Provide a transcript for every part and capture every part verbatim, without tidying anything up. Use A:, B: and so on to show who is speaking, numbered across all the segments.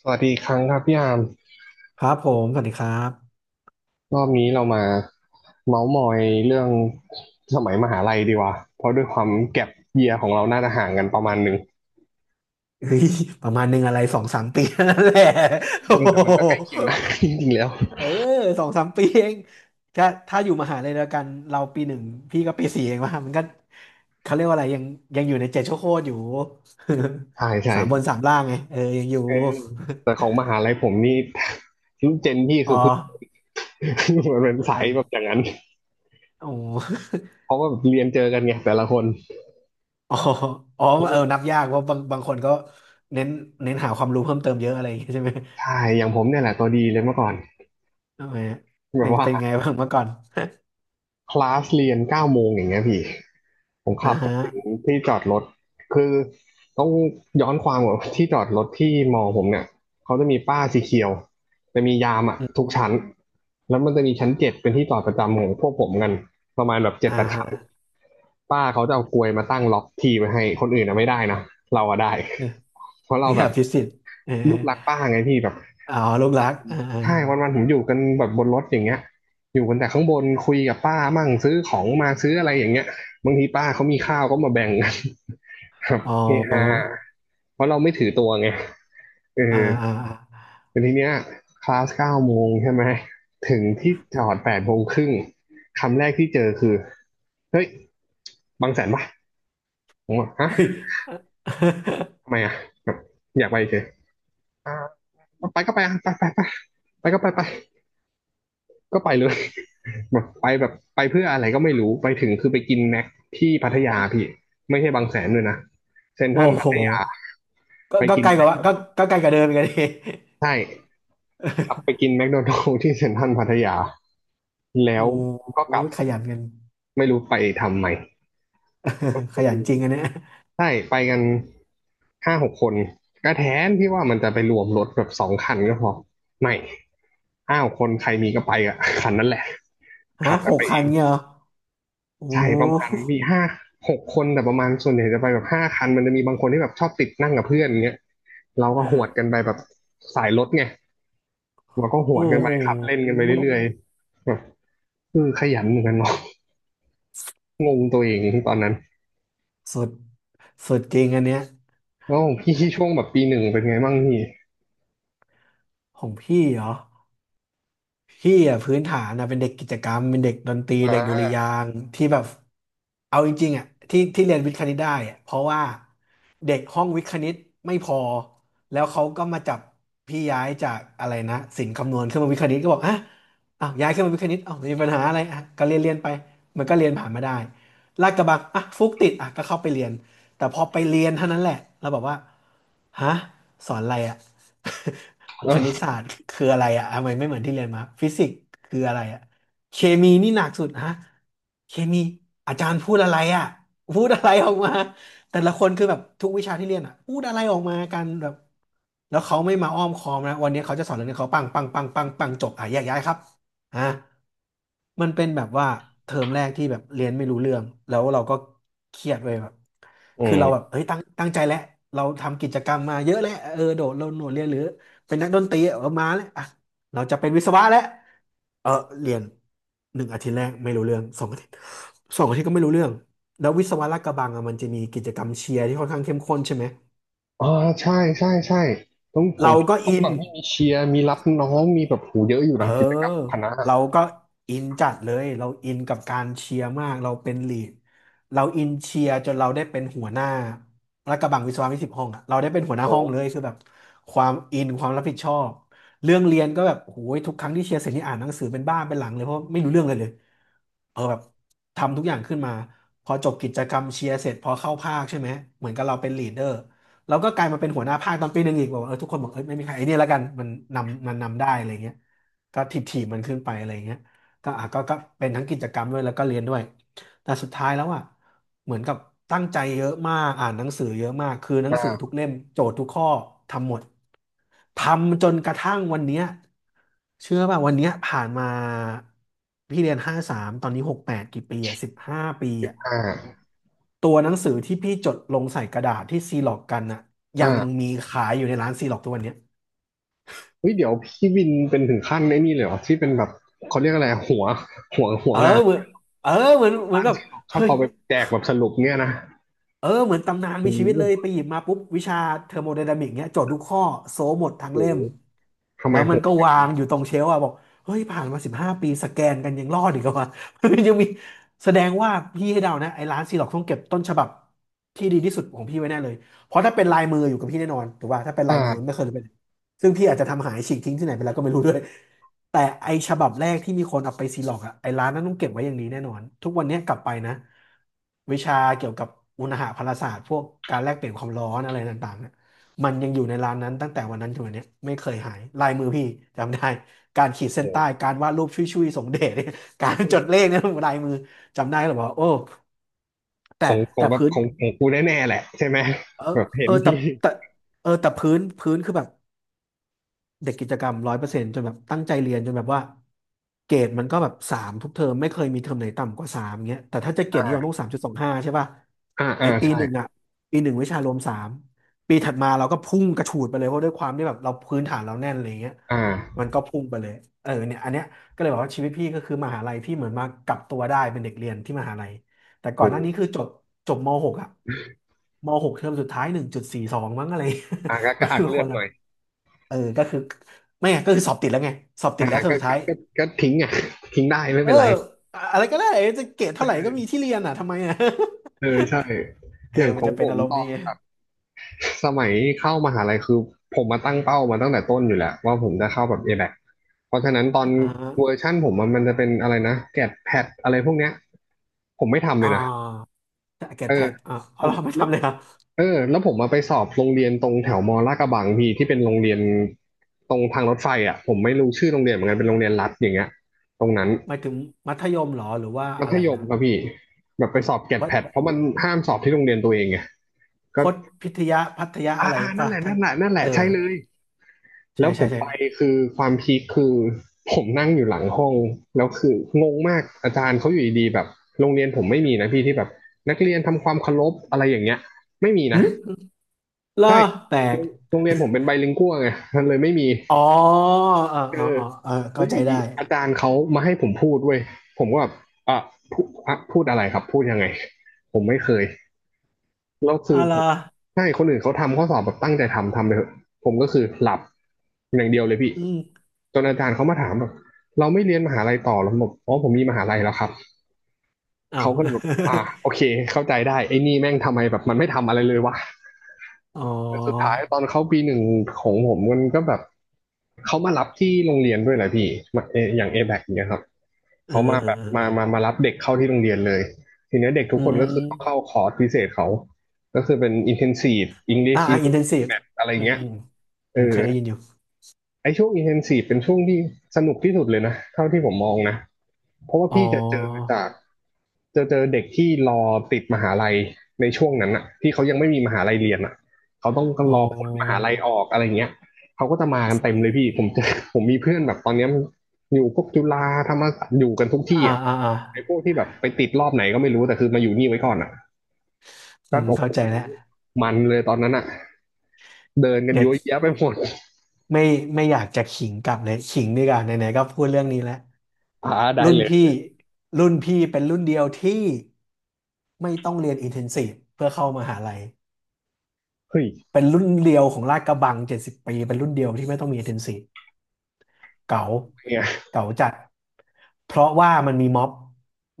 A: สวัสดีอีกครั้งครับพี่อาม
B: ครับผมสวัสดีครับ
A: รอบนี้เรามาเมาส์มอยเรื่องสมัยมหาลัยดีกว่าเพราะด้วยความแก็ปเยียร์ของเราน่าจะห่างกันประมาณหนึ่ง
B: เฮ้ยประมาณหนึ่งอะไรสองสามปีนั่นแหละ โอ้
A: เออ
B: โ
A: แต่มันก็ใกล้เคีย
B: ห
A: งนะ จริงๆแล้ว
B: เออสองสามปีเองถ้าถ้าอยู่มหาลัยเดียวกันเราปีหนึ่งพี่ก็ปีสี่เองว่ามันก็เขาเรียกว่าอะไรยังยังอยู่ในเจ็ดชั่วโคตรอยู่
A: ใช่ ใช่
B: สามบนสามล่างไงเออยังอยู่
A: เออแต่ของมหาลัยผมนี่ รุ่นเจนพี่
B: อ๋
A: คื
B: อ
A: อพึ่ง มันเป็นสายแบบอย่างนั้น
B: โอ้
A: เพราะว่าเรียนเจอกันไงแต่ละคน
B: อ๋ออ๋อเออนับยากเพราะบางบางคนก็เน้นเน้นหาความรู้เพิ่มเติมเยอะอะไรอย่างเงี้ยใช่ไหม
A: ใช่อย่างผมเนี่ยแหละตัวดีเลยเมื่อก่อน
B: ทำไม
A: แบ
B: เป็
A: บ
B: นเป็นไง
A: ว่า
B: บ้างเมื่อก่อน
A: คลาสเรียนเก้าโมงอย่างเงี้ยพี่ผม
B: อ่า
A: ขับ
B: ฮะ
A: ไปถึงที่จอดรถคือต้องย้อนความก่อนที่จอดรถที่มอผมเนี่ยเขาจะมีป้ายสีเขียวจะมียามอ่ะทุกชั้นแล้วมันจะมีชั้นเจ็ดเป็นที่จอดประจำของพวกผมกันประมาณแบบเจ็ด
B: อ่า
A: แปดคั
B: ฮะ
A: นป้าเขาจะเอากลวยมาตั้งล็อกทีไว้ให้คนอื่นนะไม่ได้นะเราอะได้
B: เออ
A: เพราะเรา
B: คือ
A: แบ
B: อ
A: บ
B: ภิสิทธิ์เออ
A: ลูกรักป้าไงพี่แบบ
B: อ๋อลูกรักอ่าอา
A: ใช่วันๆผมอยู่กันแบบบนรถอย่างเงี้ยอยู่กันแต่ข้างบนคุยกับป้ามั่งซื้อของมาซื้ออะไรอย่างเงี้ยบางทีป้าเขามีข้าวก็มาแบ่งกัน ครับ
B: อ๋อ
A: เฮฮาเพราะเราไม่ถือตัวไงเออ
B: อ่าอ่าอ่า
A: แต่ทีเนี้ยคลาสเก้าโมงใช่ไหมถึงที่จอดแปดโมงครึ่งคำแรกที่เจอคือเฮ้ยบางแสนปะผมบอกฮะ
B: เฮ้ย
A: ทำไม อ่ะแบบอยากไปเฉยอ่าไปก็ไปอ่ะไปไปไปไปก็ไปไปก็ไปเลย แบบไปแบบไปเพื่ออะไรก็ไม่รู้ไปถึงคือไปกินแม็กที่พัทยาพี่ไม่ใช่บางแสนด้วยนะเซ็นท
B: โอ้
A: รัลพั
B: โห
A: ทยา
B: ก็
A: ไป
B: ก็
A: กิน
B: ไกล
A: แม
B: ก
A: ค
B: ว่า
A: โด
B: ก็
A: นัลด์
B: ก็ไกลกว่าเดิมอีกันดิ
A: ใช่กลับไปกินแมคโดนัลด์ที่เซ็นทรัลพัทยา แล้
B: โอ้
A: วก็
B: โห
A: กลับ
B: ขยันกัน
A: ไม่รู้ไปทำไมก็
B: ข
A: คือ
B: ยันจริงอันเนี้ย
A: ใช่ไปกันห้าหกคนก็แทนที่ว่ามันจะไปรวมรถแบบสองคันก็พอไม่ห้าหกคนใครมีก็ไปอะคันนั้นแหละขั
B: ฮะ
A: บกั
B: ห
A: นไป
B: ก
A: เอ
B: คัน
A: ง
B: เงี้ยเหรอโอ้
A: ใช่ประมา
B: โห
A: ณมีห้าหกคนแต่ประมาณส่วนใหญ่จะไปแบบห้าคันมันจะมีบางคนที่แบบชอบติดนั่งกับเพื่อนอย่างเงี้ยเราก็หวดกันไปแบบสายรถไงเราก็หว
B: โอ้
A: ดกันไป
B: โห
A: ขับเล่นกันไปเรื่อยๆแบบเออขยันเหมือนกันเนาะงงตัวเองตอนนั้น
B: สุดสุดจริงอันเนี้ย
A: แล้วของพี่ช่วงแบบปีหนึ่งเป็นไงบ้างพี่
B: ของพี่เหรอ พี่อ่ะพื้นฐานนะเป็นเด็กกิจกรรมเป็นเด็กดนตรี
A: อ่
B: เด็กดุ
A: า
B: ริยางค์ที่แบบเอาจริงๆอ่ะที่ที่เรียนวิทย์คณิตได้อ่ะเพราะว่าเด็กห้องวิทย์คณิตไม่พอแล้วเขาก็มาจับพี่ย้ายจากอะไรนะศิลป์คำนวณขึ้นมาวิทย์คณิตก็บอกอ่ะอ้าวย้ายขึ้นมาวิทย์คณิตอ้าวมีปัญหาอะไรอ่ะก็เรียนเรียนไปมันก็เรียนผ่านมาได้ลาดกระบังอ่ะฟุกติดอ่ะก็เข้าไปเรียนแต่พอไปเรียนเท่านั้นแหละแล้วบอกว่าฮะสอนอะไรอ่ะ คณิต
A: เออ
B: ศาสตร์คืออะไรอะทำไมไม่เหมือนที่เรียนมาฟิสิกส์คืออะไรอะเคมีนี่หนักสุดฮะเคมีอาจารย์พูดอะไรอะพูดอะไรออกมาแต่ละคนคือแบบทุกวิชาที่เรียนอะพูดอะไรออกมากันแบบแล้วเขาไม่มาอ้อมค้อมนะวันนี้เขาจะสอนเรื่องนี้เขาปังปังปังปังปังจบอ่ะแยกย้ายครับอ่ะมันเป็นแบบว่าเทอมแรกที่แบบเรียนไม่รู้เรื่องแล้วเราก็เครียดเลยแบบ
A: อื
B: คือเราแบบ
A: ม
B: เฮ้ยตั้งตั้งใจแล้วเราทำกิจกรรมมาเยอะแล้วเออโดดโลดโนดเรียนหรือ เป็นนักดนตรีเออมาแล้วอ่ะเราจะเป็นวิศวะแล้วเออเรียนหนึ่งอาทิตย์แรกไม่รู้เรื่องสองอาทิตย์สองอาทิตย์ก็ไม่รู้เรื่องแล้ววิศวะลาดกระบังอ่ะมันจะมีกิจกรรมเชียร์ที่ค่อนข้างเข้มข้นใช่ไหม
A: อ๋อใช่ใช่ใช่ต้องของ
B: เรา
A: พี่
B: ก็
A: ของ
B: อิน
A: ฝั่งที่มีเชียร์มีรับน้องมีแบบหูเยอะอยู่
B: เอ
A: นะกิจกรรม
B: อ
A: คณะ
B: เราก็อินจัดเลยเราอินกับการเชียร์มากเราเป็นลีดเราอินเชียร์จนเราได้เป็นหัวหน้าและกระบังวิศวะวิสิบห้องอะเราได้เป็นหัวหน้าห้องเลยคือแบบความอินความรับผิดชอบเรื่องเรียนก็แบบโอ้ยทุกครั้งที่เชียร์เสร็จนี่อ่านหนังสือเป็นบ้าเป็นหลังเลยเพราะไม่รู้เรื่องเลยเลยเออแบบทำทุกอย่างขึ้นมาพอจบกิจกรรมเชียร์เสร็จพอเข้าภาคใช่ไหมเหมือนกับเราเป็นลีดเดอร์ แล้วก็กลายมาเป็นหัวหน้าภาคตอนปีหนึ่งอีกบอกว่าเออทุกคนบอกเออไม่มีใครไอ้นี่แล้วกันมันนำมันนำได้อะไรเงี้ยก็ถีบถีบมันขึ้นไปอะไรเงี้ยก็อ่ะก็ก็เป็นทั้งกิจกรรมด้วยแล้วก็เรียนด้วย แต่สุดท้ายแล้วอ่ะเหมือนกับตั้งใจเยอะมากอ่านหนังสือเยอะมากคือหนัง
A: อ่
B: สือทุ
A: า
B: กเล่มโจทย์ทุกข้อทำหมดทำจนกระทั่งวันเนี้ยเชื่อป่ะวันเนี้ยผ่านมาพี่เรียนห้าสามตอนนี้หกแปดกี่ปีอ่ะสิบห้าปีอ่ะ
A: อ่า
B: ตัวหนังสือที่พี่จดลงใส่กระดาษที่ซีล็อกกันอ่ะยั
A: อ่า
B: งมีขายอยู่ในร้านซีล็อกทุกวันเนี้ย
A: เฮ้ยเดี๋ยวพี่วินเป็นถึงขั้นไอ้นี่เลยเหรอที่เป็นแบบเขาเรียกอะไรหัวหัวหั
B: เอ
A: ว
B: อ
A: งาน
B: เหมือนเออ
A: ที่
B: เหมื
A: เขา
B: อน
A: แบบ
B: เหมือ
A: ร้า
B: น
A: น
B: แบบ
A: ที่เราชอ
B: เฮ้
A: บ
B: ย
A: เอาไปแจกแบบสรุปเนี่ยนะ
B: เออเหมือนตำนานมี
A: โอ้
B: ชีวิตเลยไป
A: โห
B: หยิบมาปุ๊บวิชาเทอร์โมไดนามิกเนี้ยโจทย์ทุกข้อโซหมดทั้ง
A: โอ้
B: เล่
A: โห
B: ม
A: ทำ
B: แล้
A: ไม
B: ว
A: โห
B: มัน
A: ด
B: ก็
A: อย่าง
B: วาง
A: นี้
B: อยู่ตรงเชลฟ์อะบอกเฮ้ยผ่านมาสิบห้าปีสแกนกันยังรอดอีกเหรอวะ ยังมีแสดงว่าพี่ให้เดานะไอ้ร้านซีล็อกต้องเก็บต้นฉบับที่ดีที่สุดของพี่ไว้แน่เลยเพราะถ้าเป็นลายมืออยู่กับพี่แน่นอนถูกป่ะถ้าเป็นลายมือมันไม่
A: อ่า
B: เคยเป็นซึ่งพี่อาจจะทำหายฉีกทิ้งที่ไหนไปแล้วก็ไม่รู้ด้วย แต่ไอฉบับแรกที่มีคนเอาไปซีล็อกอะไอร้านนั้นต้องเก็บไว้อย่างนี้แน่นอนทุกวันเนี้ยกลับไปนะวิชาเกี่ยวกับอุณหภาพศาสตร์พวกการแลกเปลี่ยนความร้อนอะไรต่างๆเนี่ยมันยังอยู่ในร้านนั้นตั้งแต่วันนั้นถึงวันเนี้ยไม่เคยหายลายมือพี่จำได้การขีดเส้น
A: โอ้โ
B: ใต้การวาดรูปชุยๆสงเดชเนี่ย การจดเล
A: ห
B: ขเนี่ยลายมือจำได้หรือเปลบอก่าโอ้
A: ข
B: แต่
A: องของ
B: แต่
A: แบบ
B: พื้น
A: ของของกูแน่ๆแหละใช่ไหม
B: เออ
A: แบบเห็
B: เอ
A: น
B: อแต่
A: ที่
B: แต่เออแต่พื้นพื้นคือแบบ เด็กกิจกรรมร้อยเปอร์เซ็นต์จนแบบตั้งใจเรียนจนแบบว่าเกรดมันก็แบบสามทุกเทอมไม่เคยมีเทอมไหนต่ำกว่าสามเงี้ยแต่ถ้าจะเกรดนิยมต้อง
A: อ่า
B: สามจุดสองห้าใช่ป่ะ
A: อ่า
B: ไอ
A: อ่า
B: ปี
A: ใช่
B: หนึ่งอ่ะปีหนึ่งวิชารวมสามปีถัดมาเราก็พุ่งกระฉูดไปเลยเพราะด้วยความที่แบบเราพื้นฐานเราแน่นอะไรเงี้ย
A: อ่า
B: มันก็พุ่งไปเลยเออเนี่ยอันเนี้ยก็เลยบอกว่าชีวิตพี่ก็คือมหาลัยพี่เหมือนมากลับตัวได้เป็นเด็กเรียนที่มหาลัยแต่ก่อ
A: โอ้
B: นห
A: โห
B: น้านี้คือจบจบมหกอ่ะมหกเทอมสุดท้ายหนึ่งจุดสี่สองมั้งอะไร
A: อ่าก็
B: มั
A: ก็
B: น
A: อัก
B: คือ
A: เลื
B: ค
A: อด
B: น
A: ห
B: ละ
A: น่อย
B: เออก็คือไม่ไงก็คือสอบติดแล้วไงสอบติ
A: อ่า
B: ดแล้วเทอม
A: ก็
B: สุด
A: ก็
B: ท้าย
A: ก็ก็ทิ้งอ่ะ ทิ้งได้ไม่
B: เอ
A: เป็
B: อ
A: นไร
B: อะไรก็ได้จะเกรดเท่าไหร่ก็มีที่เรียนอ่ะทำไมอ่ะ
A: เออใช่
B: เอ
A: อ
B: อ
A: ย่าง
B: มั
A: ข
B: น
A: อง
B: จะ
A: ผ
B: เป็น
A: ม
B: อารม
A: ต
B: ณ์
A: อ
B: นี้
A: น
B: ไง
A: สมัยเข้ามหาลัยคือผมมาตั้งเป้ามาตั้งแต่ต้นอยู่แหละว่าผมจะเข้าแบบ เอ บี เอ ซีเพราะฉะนั้นตอน
B: อ่าฮะ
A: เวอร์ชั่นผมอะมันจะเป็นอะไรนะแกดแพดอะไรพวกเนี้ยผมไม่ทำเล
B: อ่
A: ยนะ
B: าเกรด
A: เอ
B: แพ
A: อ
B: ทอ่าเอา
A: ผม
B: เราไม่
A: แล้ว
B: ทำเลยครับ
A: เออแล้วผมมาไปสอบโรงเรียนตรงแถวมอลาดกระบังพี่ที่เป็นโรงเรียนตรงทางรถไฟอ่ะผมไม่รู้ชื่อโรงเรียนเหมือนกันเป็นโรงเรียนรัฐอย่างเงี้ยตรงนั้น
B: หมายถึงมัธยมเหรอหรือว่า
A: มั
B: อะ
A: ธ
B: ไร
A: ยม
B: นะ
A: ครับพี่แบบไปสอบแกด
B: วั
A: แพ
B: ด
A: ดเพราะมันห้ามสอบที่โรงเรียนตัวเองไง
B: พ
A: ก็
B: จน์พิทยาพัทยา
A: อ่า
B: อะไร
A: อ่านั่น
B: ป่ะ
A: แหละ
B: ท่า
A: นั่
B: น
A: นแหละนั่นแห
B: เอ
A: ละ
B: อ
A: ใช่เลย แล้
B: ใช่
A: วผ
B: ใช่
A: ม
B: ใช่
A: ไปคือความพีคคือผมนั่งอยู่หลังห้องแล้วคืองงมากอาจารย์เขาอยู่ดีๆแบบโรงเรียนผมไม่มีนะพี่ที่แบบนักเรียนทำความเคารพอะไรอย่างเงี้ยไม่มี
B: ห
A: นะ
B: ึเหร
A: ใช่
B: อแปลก
A: โรงเรียนผมเป็นไบลิงกัวไงมันเลยไม่มี
B: อ๋อเออ
A: เอ
B: เออ
A: อ
B: เออเออ
A: แล้
B: เข้า
A: วอ
B: ใจ
A: ยู่
B: ได้
A: ดีอาจารย์เขามาให้ผมพูดเว้ยผมก็แบบอ่ะพูดอ่ะพูดอะไรครับพูดยังไงผมไม่เคย แล้วคื
B: อะ
A: อ
B: ไร
A: ผม
B: อ
A: ใช่คนอื่นเขาทำข้อสอบแบบตั้งใจทำทำไปเถอะผมก็คือหลับอย่างเดียวเลยพี่
B: อืม
A: จนอาจารย์เขามาถามแบบเราไม่เรียนมหาลัยต่อแล้วผมบอกอ๋อผมมีมหาลัยแล้วครับ
B: อ้าว
A: เขาก็เลยแบบอ่าโอเคเข้าใจได้ไอ้นี่แม่งทำไมแบบมันไม่ทำอะไรเลยวะ
B: อ๋อ
A: แต่สุดท้ายตอนเขาปีหนึ่งของผมมันก็แบบเขามารับที่โรงเรียนด้วยแหละพี่มาเออย่างเอแบกเงี้ยครับ
B: เออ
A: เขามา
B: เออ
A: แบบ
B: เอ
A: มา
B: อ
A: มามารับเด็กเข้าที่โรงเรียนเลยทีเนี้ยเด็กทุ
B: อื
A: กคนก็คือต้องเข้า
B: ม
A: คอร์สพิเศษเขาก็คือเป็น อินเทนซีฟ อิงลิช
B: อ่าอินเทนซี
A: intensive
B: ฟ
A: math อะไร
B: อืม
A: เงี้ย
B: อืม
A: เอ
B: อืม
A: อ
B: เคยได้ยินอยู่
A: ไอช่วง intensive เป็นช่วงที่สนุกที่สุดเลยนะเท่าที่ผมมองนะเพราะว่า
B: อ๋อ
A: พี่จะเจอจากจะเจอเด็กที่รอติดมหาลัยในช่วงนั้นอะที่เขายังไม่มีมหาลัยเรียนอะเขาต้อง
B: อ๋อ
A: รอผลมหาลัยออกอะไรเงี้ยเขาก็จะมากันเต็มเลยพี่ผมเจอผมมีเพื่อนแบบตอนเนี้ยมันอยู่พวกจุฬาธรรมศาสตร์อยู่กันทุกที่
B: อ่า
A: อ่ะ
B: อ่าอ่า
A: ไอ้พวกที่แบบไปติดรอบไหนก็ไม่รู้แต่คือมาอยู่นี่ไว้ก่อนอ่ะ
B: อื
A: ก็
B: ม
A: โอ้โห
B: เข้าใจแล้ว
A: มันเลยตอนนั้นอ่ะเดินกัน
B: เดี๋
A: ยย
B: ยว
A: อวแยะไปหมด
B: ไม่ไม่อยากจะขิงกลับเลยขิงดีกว่าไหนๆก็พูดเรื่องนี้แล้ว
A: พาได้
B: รุ่น
A: เล
B: พี่
A: ย
B: รุ่นพี่เป็นรุ่นเดียวที่ไม่ต้องเรียนอินเทนซีฟเพื่อเข้ามหาลัย
A: เฮ้ย
B: เป็นรุ่นเดียวของลาดกระบังเจ็ดสิบปีเป็นรุ่นเดียวที่ไม่ต้องมีอินเทนซีฟเก๋า
A: เนี่ย
B: เก๋าจัดเพราะว่ามันมีม็อบ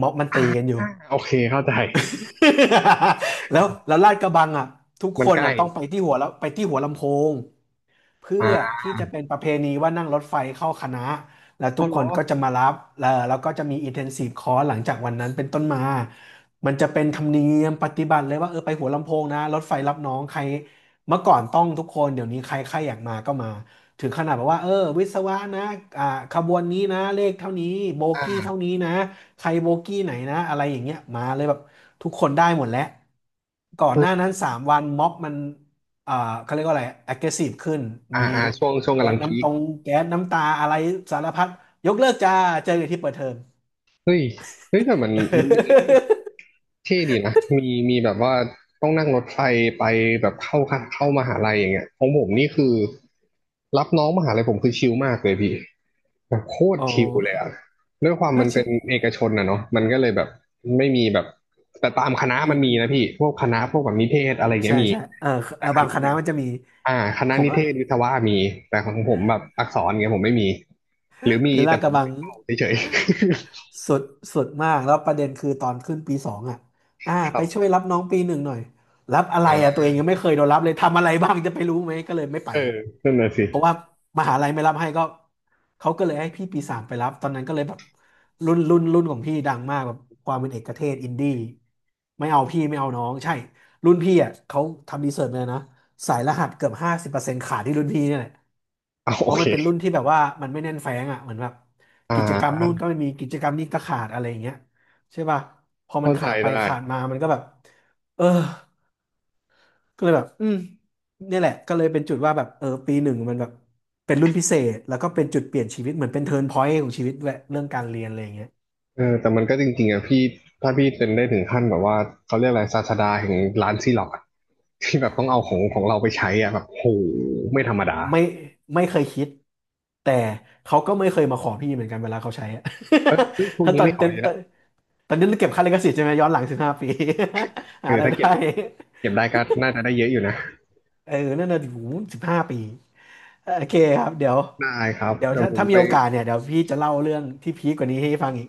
B: ม็อบมันตี
A: า
B: กันอยู่
A: โอเคเข้าใจ
B: แล้วแล้วลาดกระบังอ่ะทุก
A: มั
B: ค
A: น
B: น
A: ใกล้
B: อ่ะต้องไปที่หัวแล้วไปที่หัวลำโพง เพื่
A: อ่
B: อ
A: า
B: ที่จะเป็นประเพณีว่านั่งรถไฟเข้าคณะแล้วทุ
A: เอา
B: ก
A: เหร
B: ค
A: อ
B: นก็จะมารับแล้วแล้วก็จะมี intensive course หลังจากวันนั้นเป็นต้นมามันจะเป็นธรรมเนียมปฏิบัติเลยว่าเออไปหัวลำโพงนะรถไฟรับน้องใครเมื่อก่อนต้องทุกคนเดี๋ยวนี้ใครใครอยากมาก็มาถึงขนาดแบบว่าเออวิศวะนะอ่าขบวนนี้นะเลขเท่านี้โบกี้เท่า
A: อ่า
B: นี้นะใครโบกี้ไหนนะอะไรอย่างเงี้ยมาเลยแบบทุกคนได้หมดแล้วก่อนหน้านั้นสามวันม็อบมัน อ่าเขาเรียกว่าอะไร aggressive ขึ้น
A: อ่า
B: มี
A: อ่าช่วงช่วง
B: แก๊
A: กำลั
B: ส
A: งพี
B: น้ำต
A: ค
B: รง แก๊สน้ำตาอะไรสารพัดยกเลิกจ้าเจอกันที่เปิดเทอม
A: เฮ้ยเฮ้ยแต่มันมันเป็นอะไรที่แบบ เท่ดีนะมีมีแบบว่าต้องนั่งรถไฟไปแบบเข้าค่ะเข้ามหาลัยอย่างเงี้ยของผมนี่คือรับน้องมหาลัยผมคือชิลมากเลยพี่แบบโค ตร
B: โอ้
A: ชิลเลยอะด้วยความ
B: แล้
A: มั
B: ว
A: นเป็
B: ชื่อ
A: นเอกชนนะเนาะมันก็เลยแบบไม่มีแบบแต่ตามคณะ
B: อื
A: มัน
B: ม
A: มีนะพี่ พวกคณะพวกแบบนิเทศอะไรเงี้
B: ใช่
A: ยมี
B: ใช่เออเอ
A: แต่
B: อ
A: ค
B: บาง
A: ณะ
B: ค
A: อ
B: ณะ
A: ย่าง
B: มันจะมี
A: อ่าค
B: ข
A: ณะ
B: อง
A: นิ
B: ละ
A: เทศวิศวะมีแต่ของผมแบบอักษรเงี้ยผมไม่มีหรือมี
B: คือลา
A: แต่
B: ดก
A: ผม
B: ระ
A: ไม่
B: บัง
A: ได้เข้าเฉย
B: สุดสุดมากแล้วประเด็นคือตอนขึ้นปีสองอ่ะอ่า
A: ๆ ครั
B: ไป
A: บ
B: ช่วยรับน้องปีหนึ่งหน่อยรับอะไร
A: อ่
B: อ่ะตัว
A: า
B: เองยังไม่เคยโดนรับเลยทำอะไรบ้างจะไปรู้ไหมก็เลยไม่ไป
A: เออนั่นน่ะสิ
B: เพราะว่ามหาลัยไม่รับให้ก็เขาก็เลยให้พี่ปีสามไปรับตอนนั้นก็เลยแบบรุ่นรุ่นรุ่นของพี่ดังมากแบบความเป็นเอกเทศอินดี้ไม่เอาพี่ไม่เอาน้องใช่รุ่นพี่อ่ะเขาทำรีเสิร์ชมาเลยนะสายรหัสเกือบห้าสิบเปอร์เซ็นต์ขาดที่รุ่นพี่เนี่ยแหละ
A: เอา
B: เพ
A: โอ
B: ราะ
A: เค
B: มันเป็นรุ่นที่แบบว่ามันไม่แน่นแฟ้งอ่ะเหมือนแบบ
A: อ่
B: กิจกรรม
A: า
B: นู่นก็ไม่มีกิจกรรมนี้ก็ขาดอะไรอย่างเงี้ยใช่ป่ะพอมั
A: เข้า
B: น
A: ใจ
B: ขาดไป
A: ได้
B: ขาดมามันก็แบบเออก็เลยแบบอืมเนี่ยแหละก็เลยเป็นจุดว่าแบบเออปีหนึ่งมันแบบเป็นรุ่นพิเศษแล้วก็เป็นจุดเปลี่ยนชีวิตเหมือนเป็นเทิร์นพอยต์ของชีวิตด้วยเรื่องการเรียนอะไรอย่างเงี้ย
A: เออแต่มันก็จริงๆอ่ะพี่ถ้าพี่เป็นได้ถึงขั้นแบบว่าเขาเรียกอะไรศาสดาแห่งร้านซีล็อกอะที่แบบต้องเอาของของเราไปใช้อ่ะแบบโหไม่ธรรมดา
B: ไม่ไม่เคยคิดแต่เขาก็ไม่เคยมาขอพี่เหมือนกันเวลาเขาใช้อะ
A: เออเฮ้ยพว ก
B: ถ้า
A: นี้
B: ตอน
A: ไม่ข
B: ต
A: อ
B: อ
A: อยู่ละ
B: นตอนนี้เราเก็บค่าลิขสิทธิ์ใช่ไหมย้อนหลังสิบห้าปี
A: เอ
B: หาอะ
A: อ
B: ไราย
A: ถ้าเก็บ
B: ได้
A: เก็บได้ก็น่าจะได้เยอะอยู่นะ
B: เออนั่นน่ะอยู่สิบห้าปีเออโอเคครับ เดี๋ยว
A: ได้ครับ
B: เดี๋ยว
A: เดี๋ยว
B: ถ้า
A: ผม
B: ถ้ามี
A: ไป
B: โอกาสเนี่ย เดี๋ยวพี่จะเล่าเรื่องที่พีคกว่านี้ให้ฟังอีก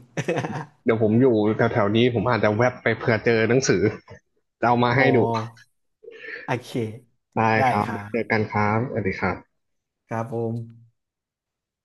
A: เดี๋ยวผมอยู่แถวๆนี้ผมอาจจะแวบไปเผื่อเจอหนังสือจะเอามา
B: อ๋อ
A: ให้ดู
B: โอเค
A: ได้
B: ได้
A: ครับ
B: ครับ
A: เจอกันครับสวัสดีครับ
B: ครับผม